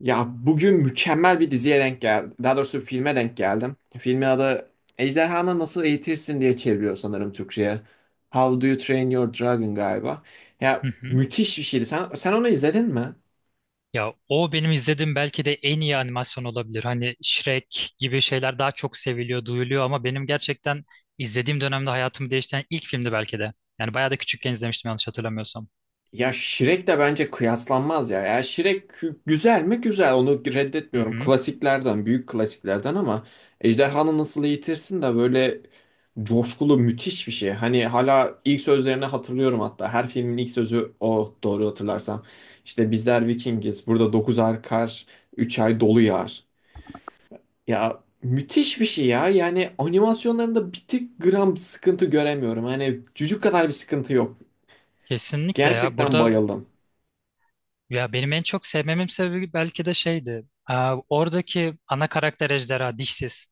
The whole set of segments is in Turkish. Ya bugün mükemmel bir diziye denk geldim. Daha doğrusu filme denk geldim. Filmin adı Ejderhanı Nasıl Eğitirsin diye çeviriyor sanırım Türkçe'ye. How Do You Train Your Dragon galiba. Hı Ya hı. müthiş bir şeydi. Sen onu izledin mi? Ya o benim izlediğim belki de en iyi animasyon olabilir. Hani Shrek gibi şeyler daha çok seviliyor, duyuluyor ama benim gerçekten izlediğim dönemde hayatımı değiştiren ilk filmdi belki de. Yani bayağı da küçükken izlemiştim yanlış hatırlamıyorsam. Ya Shrek de bence kıyaslanmaz ya. Ya güzel mi? Güzel. Onu Hı reddetmiyorum. hı. Klasiklerden, büyük klasiklerden ama Ejderhanı Nasıl Eğitirsin de böyle coşkulu müthiş bir şey. Hani hala ilk sözlerini hatırlıyorum hatta. Her filmin ilk sözü o, doğru hatırlarsam. İşte bizler Vikingiz. Burada 9 ay kar, 3 ay dolu yağar. Ya müthiş bir şey ya. Yani animasyonlarında bir tık gram sıkıntı göremiyorum. Hani cücük kadar bir sıkıntı yok. Kesinlikle ya. Gerçekten Burada bayıldım. ya benim en çok sevmemin sebebi belki de şeydi. Oradaki ana karakter ejderha dişsiz.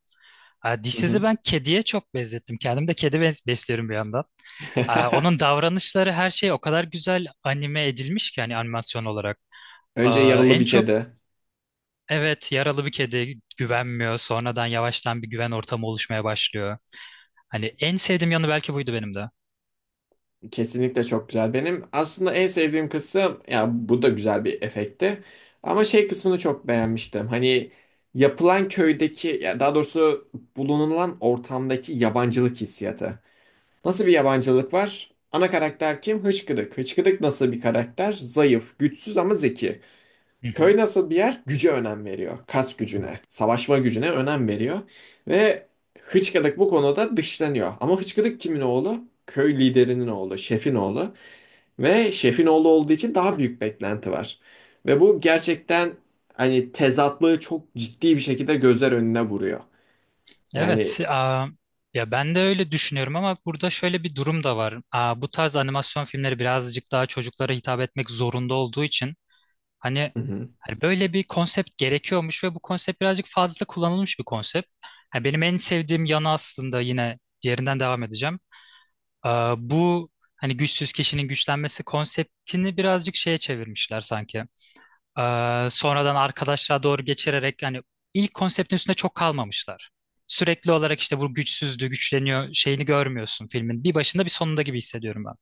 Hı Dişsizi hı. ben kediye çok benzettim. Kendim de kedi besliyorum bir yandan. Onun davranışları her şey o kadar güzel anime edilmiş ki hani animasyon olarak. Önce Aa, Yaralı en Bir çok Kedi. evet, yaralı bir kedi güvenmiyor. Sonradan yavaştan bir güven ortamı oluşmaya başlıyor. Hani en sevdiğim yanı belki buydu benim de. Kesinlikle çok güzel. Benim aslında en sevdiğim kısım ya, bu da güzel bir efekti. Ama şey kısmını çok beğenmiştim. Hani yapılan köydeki, ya daha doğrusu bulunulan ortamdaki yabancılık hissiyatı. Nasıl bir yabancılık var? Ana karakter kim? Hıçkıdık. Hıçkıdık nasıl bir karakter? Zayıf, güçsüz ama zeki. Hı hı. Köy nasıl bir yer? Güce önem veriyor. Kas gücüne, savaşma gücüne önem veriyor. Ve Hıçkıdık bu konuda dışlanıyor. Ama Hıçkıdık kimin oğlu? Köy liderinin oğlu, şefin oğlu. Ve şefin oğlu olduğu için daha büyük beklenti var. Ve bu gerçekten hani tezatlığı çok ciddi bir şekilde gözler önüne vuruyor. Evet, Yani. Ya ben de öyle düşünüyorum ama burada şöyle bir durum da var. Bu tarz animasyon filmleri birazcık daha çocuklara hitap etmek zorunda olduğu için hani, Hı hı. hani böyle bir konsept gerekiyormuş ve bu konsept birazcık fazla kullanılmış bir konsept. Ha, benim en sevdiğim yanı aslında yine diğerinden devam edeceğim. Bu hani güçsüz kişinin güçlenmesi konseptini birazcık şeye çevirmişler sanki. Sonradan arkadaşlığa doğru geçirerek yani ilk konseptin üstünde çok kalmamışlar. Sürekli olarak işte bu güçsüzdü, güçleniyor şeyini görmüyorsun filmin. Bir başında bir sonunda gibi hissediyorum ben.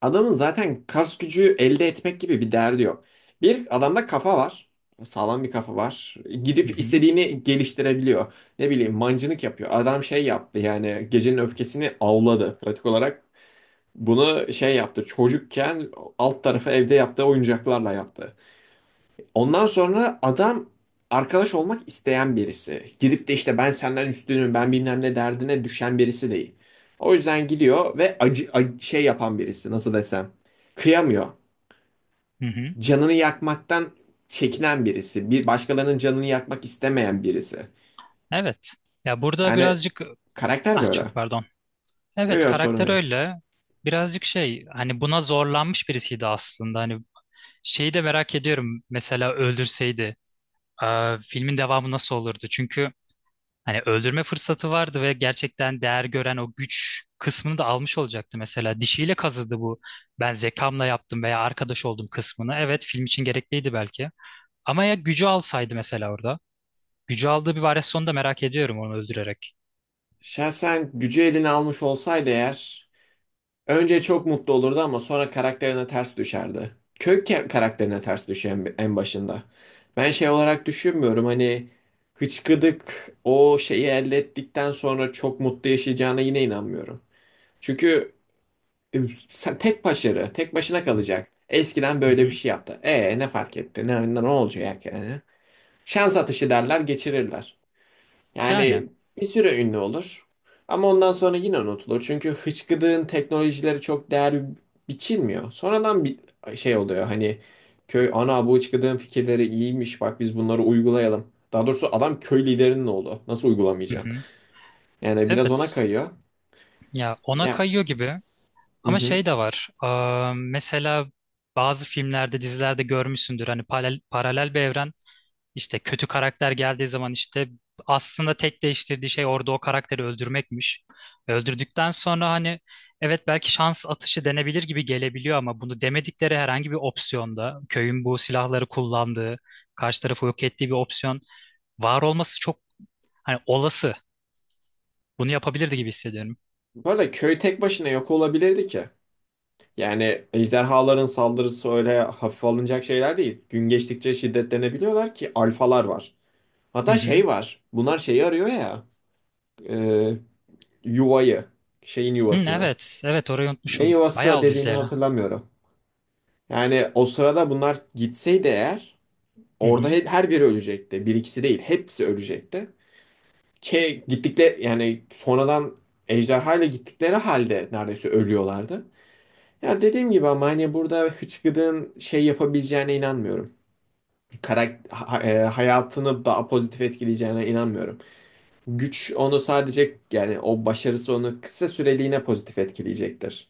Adamın zaten kas gücü elde etmek gibi bir derdi yok. Bir adamda kafa var. Sağlam bir kafa var. Hı Gidip hı. istediğini geliştirebiliyor. Ne bileyim, mancınık yapıyor. Adam şey yaptı, yani gecenin öfkesini avladı. Pratik olarak bunu şey yaptı. Çocukken alt tarafı evde yaptığı oyuncaklarla yaptı. Ondan sonra adam arkadaş olmak isteyen birisi. Gidip de işte ben senden üstünüm, ben bilmem ne derdine düşen birisi değil. O yüzden gidiyor ve şey yapan birisi, nasıl desem. Kıyamıyor. Hı hı. Canını yakmaktan çekinen birisi. Bir başkalarının canını yakmak istemeyen birisi. Evet. Ya burada Yani birazcık karakter ah böyle. çok pardon. Yok Evet yok sorun karakter değil. öyle. Birazcık şey hani buna zorlanmış birisiydi aslında. Hani şeyi de merak ediyorum. Mesela öldürseydi. Filmin devamı nasıl olurdu? Çünkü hani öldürme fırsatı vardı ve gerçekten değer gören o güç kısmını da almış olacaktı mesela. Dişiyle kazıdı bu. Ben zekamla yaptım veya arkadaş oldum kısmını. Evet film için gerekliydi belki. Ama ya gücü alsaydı mesela orada. Gücü aldığı bir varyasyon da merak ediyorum onu öldürerek. Şahsen gücü eline almış olsaydı eğer, önce çok mutlu olurdu ama sonra karakterine ters düşerdi. Karakterine ters düşüyor en başında. Ben şey olarak düşünmüyorum, hani hıçkıdık o şeyi elde ettikten sonra çok mutlu yaşayacağına yine inanmıyorum. Çünkü e, sen tek başına kalacak. Eskiden Hı böyle bir hı. şey yaptı. E ne fark etti? Ne olacak yani? Şans atışı derler, geçirirler. Yani. Yani bir süre ünlü olur. Ama ondan sonra yine unutulur. Çünkü hıçkıdığın teknolojileri çok değer biçilmiyor. Sonradan bir şey oluyor, hani köy ana, bu hıçkıdığın fikirleri iyiymiş, bak biz bunları uygulayalım. Daha doğrusu adam köy liderinin oğlu. Nasıl Hı uygulamayacaksın? hı. Yani biraz ona Evet. kayıyor. Ya ona Ya, kayıyor gibi. hı Ama hı. şey de var. Mesela bazı filmlerde, dizilerde görmüşsündür. Hani paralel, paralel bir evren, İşte kötü karakter geldiği zaman işte aslında tek değiştirdiği şey orada o karakteri öldürmekmiş. Öldürdükten sonra hani evet belki şans atışı denebilir gibi gelebiliyor ama bunu demedikleri herhangi bir opsiyonda köyün bu silahları kullandığı, karşı tarafı yok ettiği bir opsiyon var olması çok hani olası. Bunu yapabilirdi gibi hissediyorum. Bu arada köy tek başına yok olabilirdi ki. Yani ejderhaların saldırısı öyle hafife alınacak şeyler değil. Gün geçtikçe şiddetlenebiliyorlar ki alfalar var. Hı Hatta hı. şey var. Bunlar şeyi arıyor ya. e, Yuvayı, şeyin Hı, yuvasını. evet, evet orayı Ne unutmuşum. Bayağı yuvası oldu dediğini izleyeli. hatırlamıyorum. Yani o sırada bunlar gitseydi eğer, Hı orada hı. Her biri ölecekti. Bir ikisi değil, hepsi ölecekti. Ki gittikleri, yani sonradan ejderhayla gittikleri halde neredeyse ölüyorlardı. Ya dediğim gibi, ama hani burada Hıçkıdık'ın şey yapabileceğine inanmıyorum. Hayatını daha pozitif etkileyeceğine inanmıyorum. Güç onu sadece, yani o başarısı onu kısa süreliğine pozitif etkileyecektir.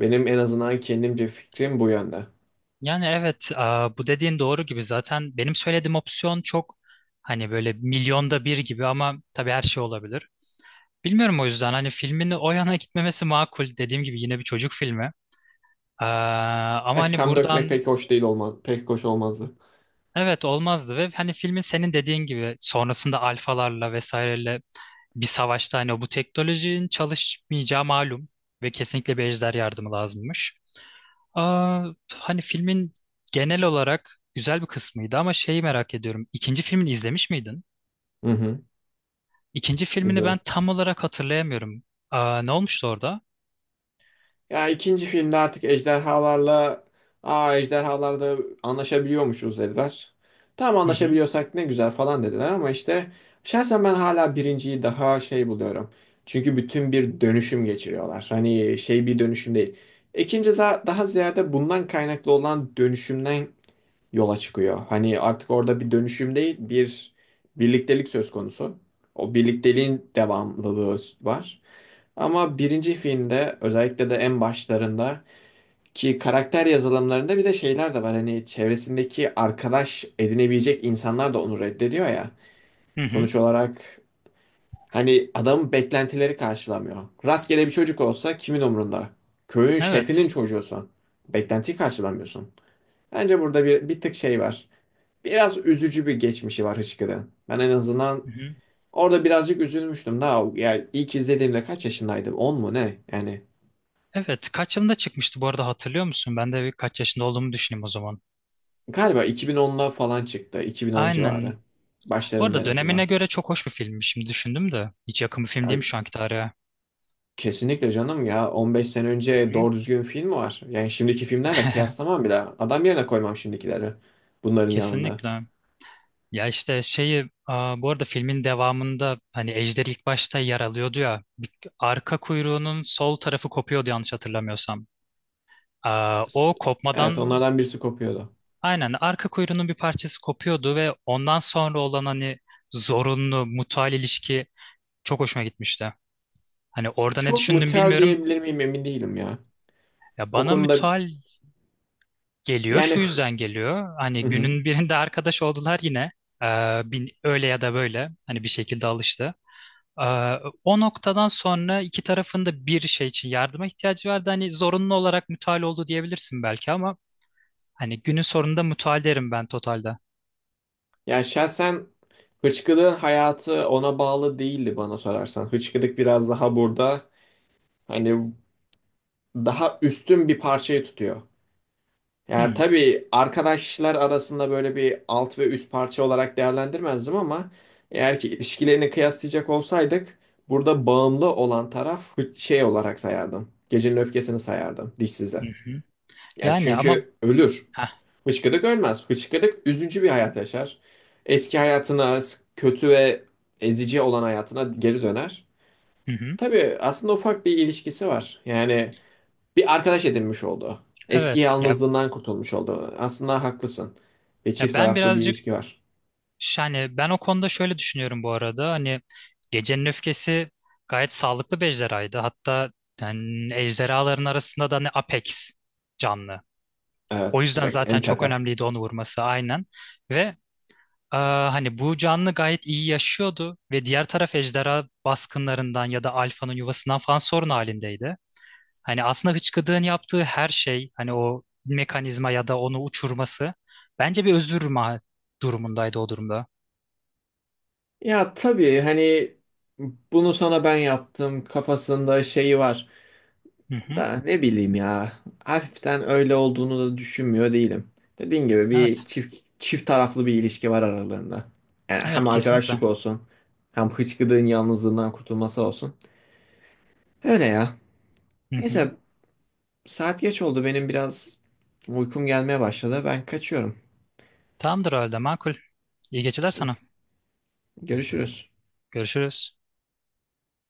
Benim en azından kendimce fikrim bu yönde. Yani evet, bu dediğin doğru gibi. Zaten benim söylediğim opsiyon çok hani böyle milyonda bir gibi ama tabii her şey olabilir. Bilmiyorum o yüzden hani filmin o yana gitmemesi makul. Dediğim gibi yine bir çocuk filmi. Aa, Ama Eh, hani kan dökmek buradan pek hoş değil olmaz, pek hoş olmazdı. evet olmazdı ve hani filmin senin dediğin gibi sonrasında alfalarla vesaireyle bir savaşta hani bu teknolojinin çalışmayacağı malum ve kesinlikle bir ejder yardımı lazımmış. Aa, Hani filmin genel olarak güzel bir kısmıydı ama şeyi merak ediyorum. İkinci filmini izlemiş miydin? Hı hı. İkinci filmini ben İzledim. tam olarak hatırlayamıyorum. Ne olmuştu orada? Ya ikinci filmde artık ejderhalarla aa ejderhalarda anlaşabiliyormuşuz dediler. Tam Hı hı. anlaşabiliyorsak ne güzel falan dediler, ama işte şahsen ben hala birinciyi daha şey buluyorum. Çünkü bütün bir dönüşüm geçiriyorlar. Hani şey bir dönüşüm değil. Daha ziyade bundan kaynaklı olan dönüşümden yola çıkıyor. Hani artık orada bir dönüşüm değil, bir birliktelik söz konusu. O birlikteliğin devamlılığı var. Ama birinci filmde özellikle de en başlarında ki karakter yazılımlarında bir de şeyler de var. Hani çevresindeki arkadaş edinebilecek insanlar da onu reddediyor ya. Hı hı. Sonuç olarak hani adamın beklentileri karşılamıyor. Rastgele bir çocuk olsa kimin umrunda? Köyün şefinin Evet. çocuğusun. Beklentiyi karşılamıyorsun. Bence burada bir tık şey var. Biraz üzücü bir geçmişi var Hıçkırık'ın. Ben en azından Hı hı. orada birazcık üzülmüştüm. Daha yani ilk izlediğimde kaç yaşındaydım? 10 mu ne? Yani Evet. Kaç yılında çıkmıştı bu arada hatırlıyor musun? Ben de bir kaç yaşında olduğumu düşüneyim o zaman. galiba 2010'da falan çıktı. 2010 Aynen. civarı. Bu Başlarında arada en dönemine azından. göre çok hoş bir filmmiş. Şimdi düşündüm de. Hiç yakın bir film değil Ya, mi şu anki tarihe? kesinlikle canım ya. 15 sene Hı önce hı. doğru düzgün film var. Yani şimdiki filmlerle kıyaslamam bile. Adam yerine koymam şimdikileri. Bunların yanında. Kesinlikle. Ya işte şeyi bu arada filmin devamında hani Ejder ilk başta yer alıyordu ya arka kuyruğunun sol tarafı kopuyordu yanlış hatırlamıyorsam. S- O Evet, kopmadan onlardan birisi kopuyordu. aynen arka kuyruğunun bir parçası kopuyordu ve ondan sonra olan hani zorunlu mutual ilişki çok hoşuma gitmişti. Hani orada ne Çok düşündüm mutel bilmiyorum. diyebilir miyim emin değilim ya. Ya O bana konuda, mutual geliyor şu yani. yüzden geliyor. Hani günün birinde arkadaş oldular yine. Öyle ya da böyle hani bir şekilde alıştı. Ee, O noktadan sonra iki tarafın da bir şey için yardıma ihtiyacı vardı. Hani zorunlu olarak mutual oldu diyebilirsin belki ama hani günün sonunda mutual derim ben totalde. Yani şahsen hıçkırığın hayatı ona bağlı değildi bana sorarsan. Hıçkırık biraz daha burada, hani daha üstün bir parçayı tutuyor. Yani Hmm. tabii arkadaşlar arasında böyle bir alt ve üst parça olarak değerlendirmezdim ama eğer ki ilişkilerini kıyaslayacak olsaydık, burada bağımlı olan taraf şey olarak sayardım. Gecenin öfkesini sayardım Hı dişsize. hı. Ya Yani ama çünkü ölür. heh, Hıçkıdık ölmez. Hıçkıdık üzücü bir hayat yaşar. Eski hayatına, kötü ve ezici olan hayatına geri döner. hı hı. Tabii aslında ufak bir ilişkisi var. Yani bir arkadaş edinmiş oldu. Eski Evet ya, yalnızlığından kurtulmuş oldu. Aslında haklısın. Ve ya çift ben taraflı bir birazcık ilişki var. yani ben o konuda şöyle düşünüyorum bu arada. Hani Gecenin Öfkesi gayet sağlıklı bir ejderhaydı. Hatta yani ejderhaların arasında da ne Apex canlı. O Evet, yüzden direkt en zaten çok tepe. önemliydi onu vurması aynen. Ve hani bu canlı gayet iyi yaşıyordu ve diğer taraf ejderha baskınlarından ya da alfanın yuvasından falan sorun halindeydi. Hani aslında hıçkıdığın yaptığı her şey hani o mekanizma ya da onu uçurması bence bir özür ma durumundaydı o durumda. Ya tabii hani bunu sana ben yaptım kafasında şeyi var. Hı hı. Da ne bileyim ya. Hafiften öyle olduğunu da düşünmüyor değilim. Dediğim gibi bir Evet. çift taraflı bir ilişki var aralarında. Yani hem Evet kesinlikle. arkadaşlık olsun, hem hıçkıdığın yalnızlığından kurtulması olsun. Öyle ya. Hı hı. Neyse, saat geç oldu, benim biraz uykum gelmeye başladı. Ben kaçıyorum. Tamamdır o halde makul. İyi geceler sana. Görüşürüz. Görüşürüz.